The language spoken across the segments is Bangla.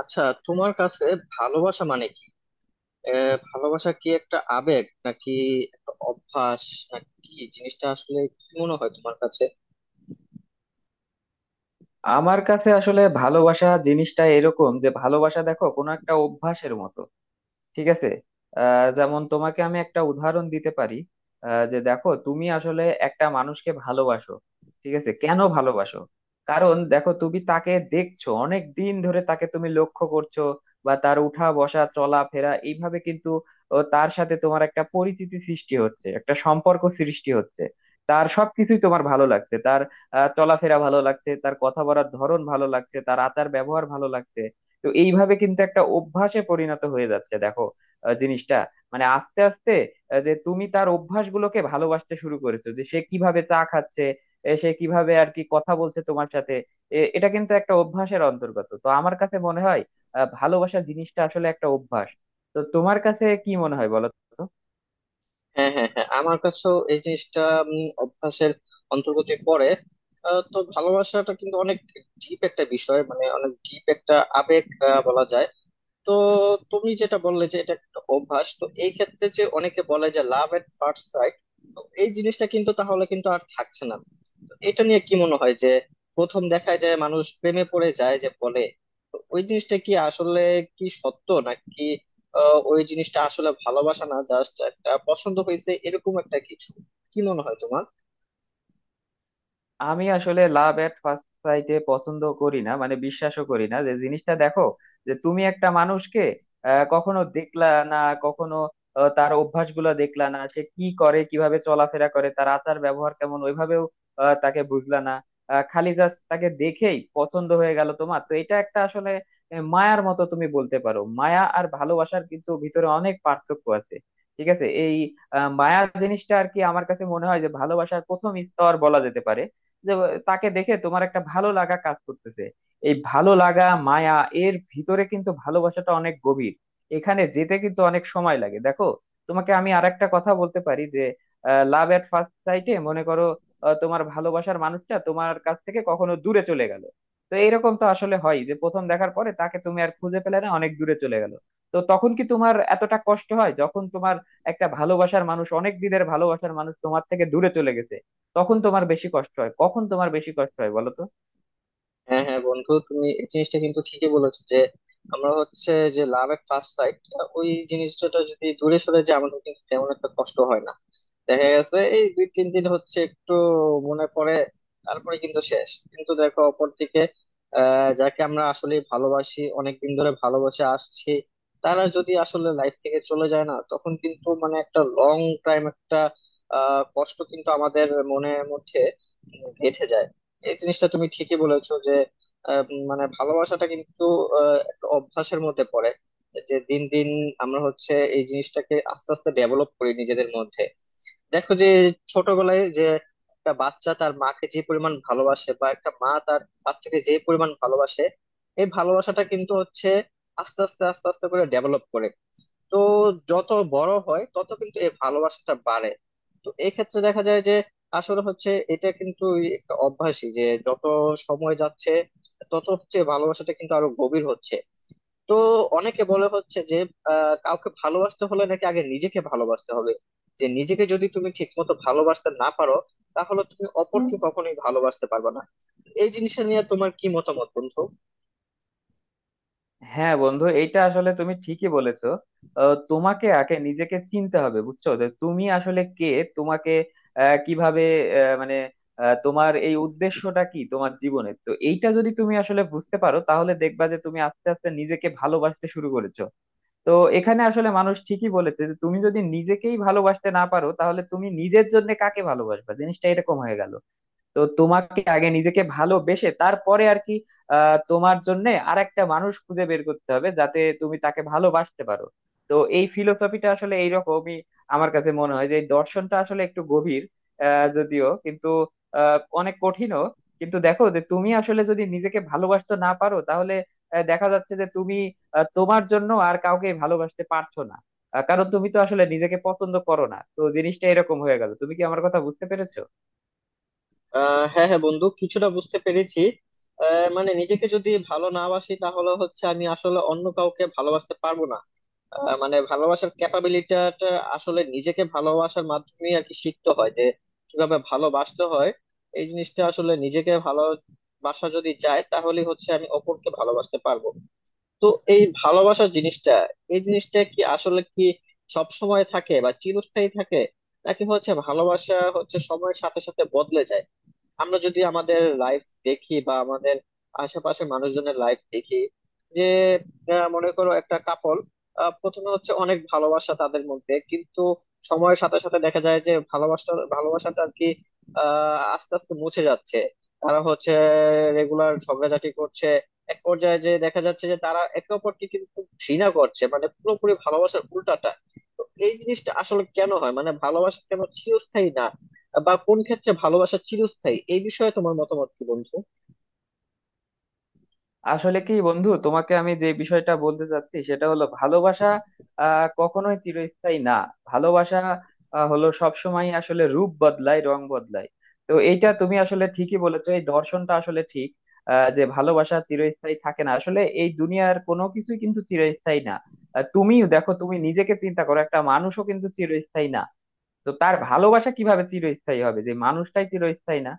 আচ্ছা, তোমার কাছে ভালোবাসা মানে কি? ভালোবাসা কি একটা আবেগ, নাকি একটা অভ্যাস, নাকি কি জিনিসটা? আসলে কি মনে হয় তোমার কাছে? আমার কাছে আসলে ভালোবাসা জিনিসটা এরকম যে ভালোবাসা দেখো কোনো একটা অভ্যাসের মতো। ঠিক আছে। যেমন তোমাকে আমি একটা উদাহরণ দিতে পারি। যে দেখো তুমি আসলে একটা মানুষকে ভালোবাসো। ঠিক আছে, কেন ভালোবাসো? কারণ দেখো তুমি তাকে দেখছো অনেক দিন ধরে, তাকে তুমি লক্ষ্য করছো, বা তার উঠা বসা চলাফেরা এইভাবে কিন্তু তার সাথে তোমার একটা পরিচিতি সৃষ্টি হচ্ছে, একটা সম্পর্ক সৃষ্টি হচ্ছে। তার সবকিছুই তোমার ভালো লাগছে, তার চলাফেরা ভালো লাগছে, তার কথা বলার ধরন ভালো লাগছে, তার আচার ব্যবহার ভালো লাগছে। তো এইভাবে কিন্তু একটা অভ্যাসে পরিণত হয়ে যাচ্ছে দেখো জিনিসটা, মানে আস্তে আস্তে যে তুমি তার অভ্যাসগুলোকে ভালোবাসতে শুরু করেছো, যে সে কিভাবে চা খাচ্ছে, সে কিভাবে আর কি কথা বলছে তোমার সাথে। এটা কিন্তু একটা অভ্যাসের অন্তর্গত। তো আমার কাছে মনে হয় ভালোবাসা জিনিসটা আসলে একটা অভ্যাস। তো তোমার কাছে কি মনে হয় বলো তো। হ্যাঁ হ্যাঁ হ্যাঁ, আমার কাছেও এই জিনিসটা অভ্যাসের অন্তর্গত পড়ে। তো ভালোবাসাটা কিন্তু অনেক ডিপ একটা বিষয়, মানে অনেক ডিপ একটা আবেগ বলা যায়। তো তুমি যেটা বললে যে এটা একটা অভ্যাস, তো এই ক্ষেত্রে যে অনেকে বলে যে লাভ এট ফার্স্ট সাইট, তো এই জিনিসটা কিন্তু তাহলে কিন্তু আর থাকছে না। এটা নিয়ে কি মনে হয় যে প্রথম দেখায় যায় মানুষ প্রেমে পড়ে যায় যে বলে, তো ওই জিনিসটা কি আসলে কি সত্য? নাকি ওই জিনিসটা আসলে ভালোবাসা না, জাস্ট একটা পছন্দ হয়েছে এরকম একটা কিছু? কি মনে হয় তোমার? আমি আসলে লাভ এট ফার্স্ট সাইটে পছন্দ করি না, মানে বিশ্বাসও করি না যে, জিনিসটা দেখো যে তুমি একটা মানুষকে কখনো দেখলা না, কখনো তার অভ্যাসগুলো দেখলা না, সে কি করে, কিভাবে চলাফেরা করে, তার আচার ব্যবহার কেমন ওইভাবেও তাকে বুঝলা না, খালি জাস্ট তাকে দেখেই পছন্দ হয়ে গেল তোমার। তো এটা একটা আসলে মায়ার মতো তুমি বলতে পারো। মায়া আর ভালোবাসার কিন্তু ভিতরে অনেক পার্থক্য আছে। ঠিক আছে। এই মায়া জিনিসটা আর কি, আমার কাছে মনে হয় যে ভালোবাসার প্রথম স্তর বলা যেতে পারে। যে তাকে দেখে তোমার একটা ভালো লাগা কাজ করতেছে, এই ভালো লাগা মায়া। এর ভিতরে কিন্তু ভালোবাসাটা অনেক গভীর, এখানে যেতে কিন্তু অনেক সময় লাগে দেখো। তোমাকে আমি আরেকটা কথা বলতে পারি, যে লাভ এট ফার্স্ট সাইটে মনে করো তোমার ভালোবাসার মানুষটা তোমার কাছ থেকে কখনো দূরে চলে গেল। তো এরকম তো আসলে হয়, যে প্রথম দেখার পরে তাকে তুমি আর খুঁজে পেলে না, অনেক দূরে চলে গেল। তো তখন কি তোমার এতটা কষ্ট হয় যখন তোমার একটা ভালোবাসার মানুষ, অনেক দিনের ভালোবাসার মানুষ, তোমার থেকে দূরে চলে গেছে? তখন তোমার বেশি কষ্ট হয়, কখন তোমার বেশি কষ্ট হয় বলো তো। হ্যাঁ হ্যাঁ বন্ধু, তুমি এই জিনিসটা কিন্তু ঠিকই বলেছো যে আমরা হচ্ছে যে লাভ এট ফার্স্ট সাইট ওই জিনিসটা যদি দূরে সরে যায়, আমাদের কিন্তু তেমন একটা কষ্ট হয় না। দেখা গেছে এই দুই তিন দিন হচ্ছে একটু মনে পড়ে, তারপরে কিন্তু শেষ। কিন্তু দেখো অপরদিকে যাকে আমরা আসলে ভালোবাসি, অনেকদিন ধরে ভালোবাসে আসছি, তারা যদি আসলে লাইফ থেকে চলে যায় না, তখন কিন্তু মানে একটা লং টাইম একটা কষ্ট কিন্তু আমাদের মনের মধ্যে গেঁথে যায়। এই জিনিসটা তুমি ঠিকই বলেছো যে মানে ভালোবাসাটা কিন্তু একটা অভ্যাসের মধ্যে পড়ে, যে দিন দিন আমরা হচ্ছে এই জিনিসটাকে আস্তে আস্তে ডেভেলপ করি নিজেদের মধ্যে। দেখো যে ছোটবেলায় যে একটা বাচ্চা তার মাকে যে পরিমাণ ভালোবাসে, বা একটা মা তার বাচ্চাকে যে পরিমাণ ভালোবাসে, এই ভালোবাসাটা কিন্তু হচ্ছে আস্তে আস্তে আস্তে আস্তে করে ডেভেলপ করে। তো যত বড় হয় তত কিন্তু এই ভালোবাসাটা বাড়ে। তো এই ক্ষেত্রে দেখা যায় যে আসলে হচ্ছে এটা কিন্তু একটা অভ্যাসই, যে যত সময় যাচ্ছে তত হচ্ছে ভালোবাসাটা কিন্তু আরো গভীর হচ্ছে। তো অনেকে বলে হচ্ছে যে কাউকে ভালোবাসতে হলে নাকি আগে নিজেকে ভালোবাসতে হবে, যে নিজেকে যদি তুমি ঠিক মতো ভালোবাসতে না পারো, তাহলে তুমি হুম। অপরকে কখনোই ভালোবাসতে পারবে না। এই জিনিসটা নিয়ে তোমার কি মতামত বন্ধু? হ্যাঁ বন্ধু, এটা আসলে তুমি ঠিকই বলেছো। তোমাকে আগে নিজেকে চিনতে হবে, বুঝছো, যে তুমি আসলে কে। তোমাকে কিভাবে মানে তোমার এই উদ্দেশ্যটা কি তোমার জীবনের, তো এইটা যদি তুমি আসলে বুঝতে পারো তাহলে দেখবা যে তুমি আস্তে আস্তে নিজেকে ভালোবাসতে শুরু করেছো। তো এখানে আসলে মানুষ ঠিকই বলেছে, যে তুমি যদি নিজেকেই ভালোবাসতে না পারো তাহলে তুমি নিজের জন্য কাকে ভালোবাসবা, জিনিসটা এরকম হয়ে গেল। তো তোমাকে আগে নিজেকে ভালোবেসে তারপরে আর কি তোমার জন্য আর একটা মানুষ খুঁজে বের করতে হবে, যাতে তুমি তাকে ভালোবাসতে পারো। তো এই ফিলোসফিটা আসলে এইরকমই। আমার কাছে মনে হয় যে এই দর্শনটা আসলে একটু গভীর, যদিও কিন্তু অনেক কঠিনও। কিন্তু দেখো যে তুমি আসলে যদি নিজেকে ভালোবাসতে না পারো তাহলে দেখা যাচ্ছে যে তুমি তোমার জন্য আর কাউকে ভালোবাসতে পারছো না, কারণ তুমি তো আসলে নিজেকে পছন্দ করো না। তো জিনিসটা এরকম হয়ে গেল। তুমি কি আমার কথা বুঝতে পেরেছো? হ্যাঁ হ্যাঁ বন্ধু, কিছুটা বুঝতে পেরেছি। মানে নিজেকে যদি ভালো না বাসি, তাহলে হচ্ছে আমি আসলে অন্য কাউকে ভালোবাসতে পারবো না। মানে ভালোবাসার ক্যাপাবিলিটিটা আসলে নিজেকে ভালোবাসার মাধ্যমে আর কি শিখতে হয়, যে কিভাবে ভালোবাসতে হয়। এই জিনিসটা আসলে নিজেকে ভালোবাসা যদি যায়, তাহলে হচ্ছে আমি অপরকে ভালোবাসতে পারবো। তো এই ভালোবাসা জিনিসটা, এই জিনিসটা কি আসলে কি সব সময় থাকে বা চিরস্থায়ী থাকে, নাকি হচ্ছে ভালোবাসা হচ্ছে সময়ের সাথে সাথে বদলে যায়? আমরা যদি আমাদের লাইফ দেখি বা আমাদের আশেপাশে মানুষজনের লাইফ দেখি, যে মনে করো একটা কাপল, প্রথমে হচ্ছে অনেক ভালোবাসা তাদের মধ্যে, কিন্তু সময়ের সাথে সাথে দেখা যায় যে ভালোবাসা ভালোবাসাটা আর কি আস্তে আস্তে মুছে যাচ্ছে। তারা হচ্ছে রেগুলার ঝগড়াঝাটি করছে, এক পর্যায়ে যে দেখা যাচ্ছে যে তারা একে অপরকে কিন্তু ঘৃণা করছে, মানে পুরোপুরি ভালোবাসার উল্টাটা। তো এই জিনিসটা আসলে কেন হয়, মানে ভালোবাসা কেন চিরস্থায়ী না, বা কোন ক্ষেত্রে ভালোবাসা চিরস্থায়ী, এই বিষয়ে তোমার মতামত কি বন্ধু? আসলে কি বন্ধু, তোমাকে আমি যে বিষয়টা বলতে চাচ্ছি সেটা হলো, ভালোবাসা কখনোই চিরস্থায়ী না। ভালোবাসা হলো সবসময় আসলে রূপ বদলায়, রং বদলায়। তো এইটা তুমি আসলে ঠিকই বলেছো, এই দর্শনটা আসলে ঠিক যে ভালোবাসা চিরস্থায়ী থাকে না। আসলে এই দুনিয়ার কোনো কিছুই কিন্তু চিরস্থায়ী না। তুমিও দেখো, তুমি নিজেকে চিন্তা করো, একটা মানুষও কিন্তু চিরস্থায়ী না। তো তার ভালোবাসা কিভাবে চিরস্থায়ী হবে, যে মানুষটাই চিরস্থায়ী না।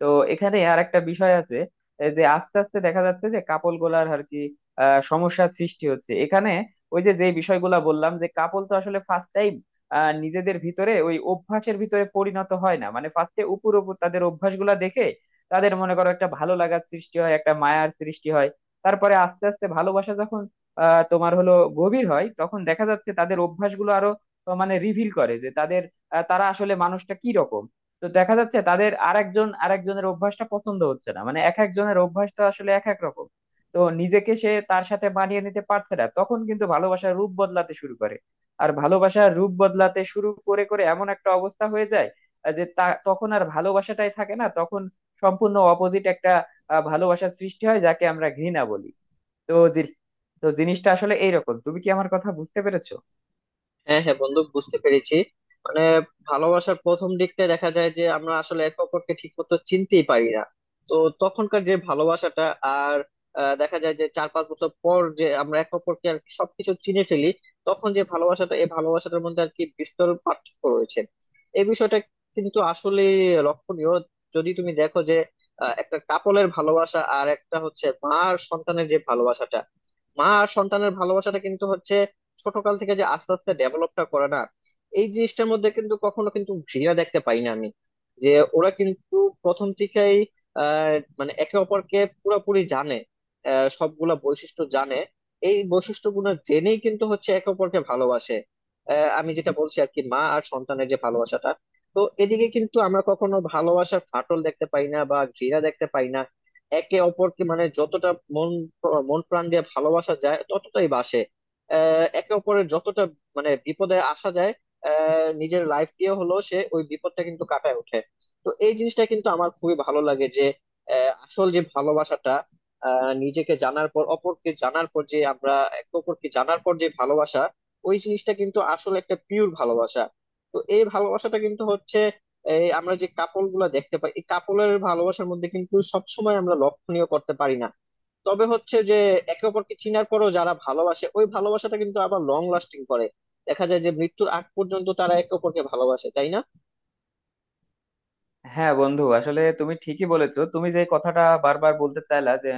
তো এখানে আর একটা বিষয় আছে, এই যে আস্তে আস্তে দেখা যাচ্ছে যে কাপল গুলার আর কি সমস্যার সৃষ্টি হচ্ছে। এখানে ওই যে যে বিষয়গুলা বললাম যে, কাপল তো আসলে ফার্স্ট টাইম নিজেদের ভিতরে ওই অভ্যাসের ভিতরে পরিণত হয় না, মানে ফার্স্টে উপর উপর তাদের অভ্যাসগুলা দেখে তাদের মনে করো একটা ভালো লাগার সৃষ্টি হয়, একটা মায়ার সৃষ্টি হয়। তারপরে আস্তে আস্তে ভালোবাসা যখন আহ তোমার হলো গভীর হয়, তখন দেখা যাচ্ছে তাদের অভ্যাসগুলো আরো মানে রিভিল করে, যে তাদের তারা আসলে মানুষটা কি রকম। তো দেখা যাচ্ছে তাদের আরেকজন আরেকজনের অভ্যাসটা পছন্দ হচ্ছে না, মানে এক একজনের অভ্যাসটা আসলে এক এক রকম। তো নিজেকে সে তার সাথে মানিয়ে নিতে পারছে না, তখন কিন্তু ভালোবাসার রূপ বদলাতে শুরু করে। আর ভালোবাসার রূপ বদলাতে শুরু করে করে এমন একটা অবস্থা হয়ে যায় যে তা তখন আর ভালোবাসাটাই থাকে না। তখন সম্পূর্ণ অপোজিট একটা ভালোবাসার সৃষ্টি হয়, যাকে আমরা ঘৃণা বলি। তো জি- তো জিনিসটা আসলে এইরকম। তুমি কি আমার কথা বুঝতে পেরেছো? হ্যাঁ হ্যাঁ বন্ধু, বুঝতে পেরেছি। মানে ভালোবাসার প্রথম দিকটা দেখা যায় যে আমরা আসলে একে অপরকে ঠিক মতো চিনতেই পারি না, তো তখনকার যে ভালোবাসাটা আর দেখা যায় যে চার পাঁচ বছর পর যে আমরা একে অপরকে আর কি সবকিছু চিনে ফেলি, তখন যে ভালোবাসাটা, এই ভালোবাসাটার মধ্যে আর কি বিস্তর পার্থক্য রয়েছে। এই বিষয়টা কিন্তু আসলে লক্ষণীয়। যদি তুমি দেখো যে একটা কাপলের ভালোবাসা আর একটা হচ্ছে মা আর সন্তানের যে ভালোবাসাটা, মা আর সন্তানের ভালোবাসাটা কিন্তু হচ্ছে ছোটকাল থেকে যে আস্তে আস্তে ডেভেলপটা করে না। এই জিনিসটার মধ্যে কিন্তু কখনো কিন্তু ঘৃণা দেখতে পাই না আমি। যে ওরা কিন্তু প্রথম থেকেই আহ মানে একে অপরকে পুরোপুরি জানে, সবগুলা বৈশিষ্ট্য জানে। এই বৈশিষ্ট্যগুলো জেনেই কিন্তু হচ্ছে একে অপরকে ভালোবাসে। আমি যেটা বলছি আর কি, মা আর সন্তানের যে ভালোবাসাটা, তো এদিকে কিন্তু আমরা কখনো ভালোবাসার ফাটল দেখতে পাই না বা ঘৃণা দেখতে পাই না। একে অপরকে মানে যতটা মন মন প্রাণ দিয়ে ভালোবাসা যায় ততটাই বাসে। একে অপরের যতটা মানে বিপদে আসা যায়, নিজের লাইফ দিয়ে হলেও সে ওই বিপদটা কিন্তু কাটায় ওঠে। তো এই জিনিসটা কিন্তু আমার খুবই ভালো লাগে যে আসল যে ভালোবাসাটা, নিজেকে জানার পর অপরকে জানার পর যে আমরা একে অপরকে জানার পর যে ভালোবাসা, ওই জিনিসটা কিন্তু আসলে একটা পিওর ভালোবাসা। তো এই ভালোবাসাটা কিন্তু হচ্ছে, এই আমরা যে কাপল গুলা দেখতে পাই, এই কাপলের ভালোবাসার মধ্যে কিন্তু সবসময় আমরা লক্ষণীয় করতে পারি না। তবে হচ্ছে যে একে অপরকে চিনার পরও যারা ভালোবাসে, ওই ভালোবাসাটা কিন্তু আবার লং লাস্টিং করে। দেখা যায় যে মৃত্যুর আগ পর্যন্ত তারা একে অপরকে ভালোবাসে, তাই না? হ্যাঁ বন্ধু, আসলে তুমি ঠিকই বলেছো। তুমি যে কথাটা বারবার বলতে চাইলা, যে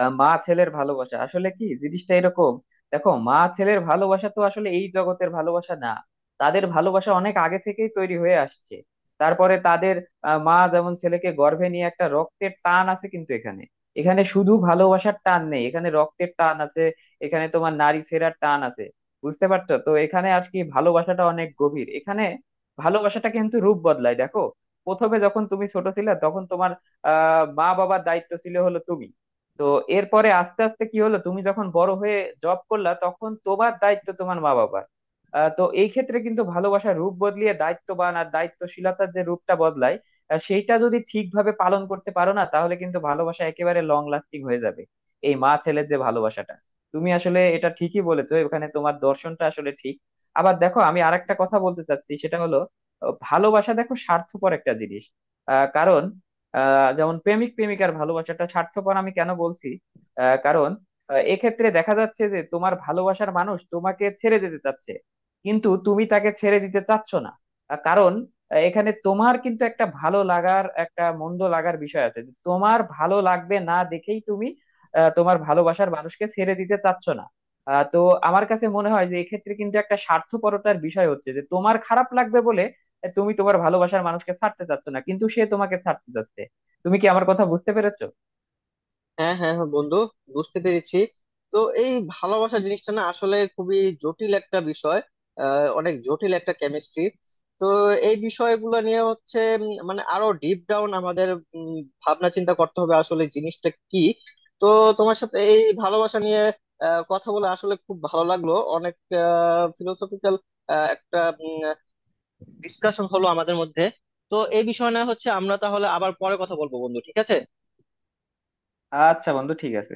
মা ছেলের ভালোবাসা আসলে কি, জিনিসটা এরকম। দেখো মা ছেলের ভালোবাসা তো আসলে এই জগতের ভালোবাসা না, তাদের ভালোবাসা অনেক আগে থেকেই তৈরি হয়ে আসছে। তারপরে তাদের মা যেমন ছেলেকে গর্ভে নিয়ে একটা রক্তের টান আছে কিন্তু এখানে, এখানে শুধু ভালোবাসার টান নেই, এখানে রক্তের টান আছে, এখানে তোমার নারী ছেঁড়ার টান আছে। বুঝতে পারছো তো? এখানে আর কি ভালোবাসাটা অনেক গভীর। এখানে ভালোবাসাটা কিন্তু রূপ বদলায় দেখো। প্রথমে যখন তুমি ছোট ছিলে তখন তোমার মা বাবার দায়িত্ব ছিল হলো তুমি। তো এরপরে আস্তে আস্তে কি হলো, তুমি যখন বড় হয়ে জব করলা তখন তোমার দায়িত্ব তোমার মা বাবার। তো এই ক্ষেত্রে কিন্তু ভালোবাসার রূপ বদলিয়ে দায়িত্ববান আর দায়িত্বশীলতার যে রূপটা বদলায়, সেইটা যদি ঠিকভাবে পালন করতে পারো না, তাহলে কিন্তু ভালোবাসা একেবারে লং লাস্টিং হয়ে যাবে, এই মা ছেলের যে ভালোবাসাটা। তুমি আসলে এটা ঠিকই বলেছো, এখানে তোমার দর্শনটা আসলে ঠিক। আবার দেখো, আমি আরেকটা কথা বলতে চাচ্ছি, সেটা হলো ভালোবাসা দেখো স্বার্থপর একটা জিনিস। কারণ যেমন প্রেমিক প্রেমিকার ভালোবাসাটা স্বার্থপর, আমি কেন বলছি কারণ এক্ষেত্রে দেখা যাচ্ছে যে তোমার ভালোবাসার মানুষ তোমাকে ছেড়ে যেতে চাচ্ছে কিন্তু তুমি তাকে ছেড়ে দিতে চাচ্ছ না, কারণ এখানে তোমার কিন্তু একটা ভালো লাগার একটা মন্দ লাগার বিষয় আছে, যে তোমার ভালো লাগবে না দেখেই তুমি তোমার ভালোবাসার মানুষকে ছেড়ে দিতে চাচ্ছ না। তো আমার কাছে মনে হয় যে এক্ষেত্রে কিন্তু একটা স্বার্থপরতার বিষয় হচ্ছে, যে তোমার খারাপ লাগবে বলে তুমি তোমার ভালোবাসার মানুষকে ছাড়তে চাচ্ছ না, কিন্তু সে তোমাকে ছাড়তে চাচ্ছে। তুমি কি আমার কথা বুঝতে পেরেছো? হ্যাঁ হ্যাঁ হ্যাঁ বন্ধু, বুঝতে পেরেছি। তো এই ভালোবাসা জিনিসটা না আসলে খুবই জটিল একটা বিষয়, অনেক জটিল একটা কেমিস্ট্রি। তো এই বিষয়গুলো নিয়ে হচ্ছে মানে আরো ডিপ ডাউন আমাদের উম, ভাবনা চিন্তা করতে হবে আসলে জিনিসটা কি। তো তোমার সাথে এই ভালোবাসা নিয়ে কথা বলে আসলে খুব ভালো লাগলো, অনেক ফিলোসফিক্যাল একটা ডিসকাশন হলো আমাদের মধ্যে। তো এই বিষয় না হচ্ছে আমরা তাহলে আবার পরে কথা বলবো বন্ধু, ঠিক আছে। আচ্ছা বন্ধু, ঠিক আছে।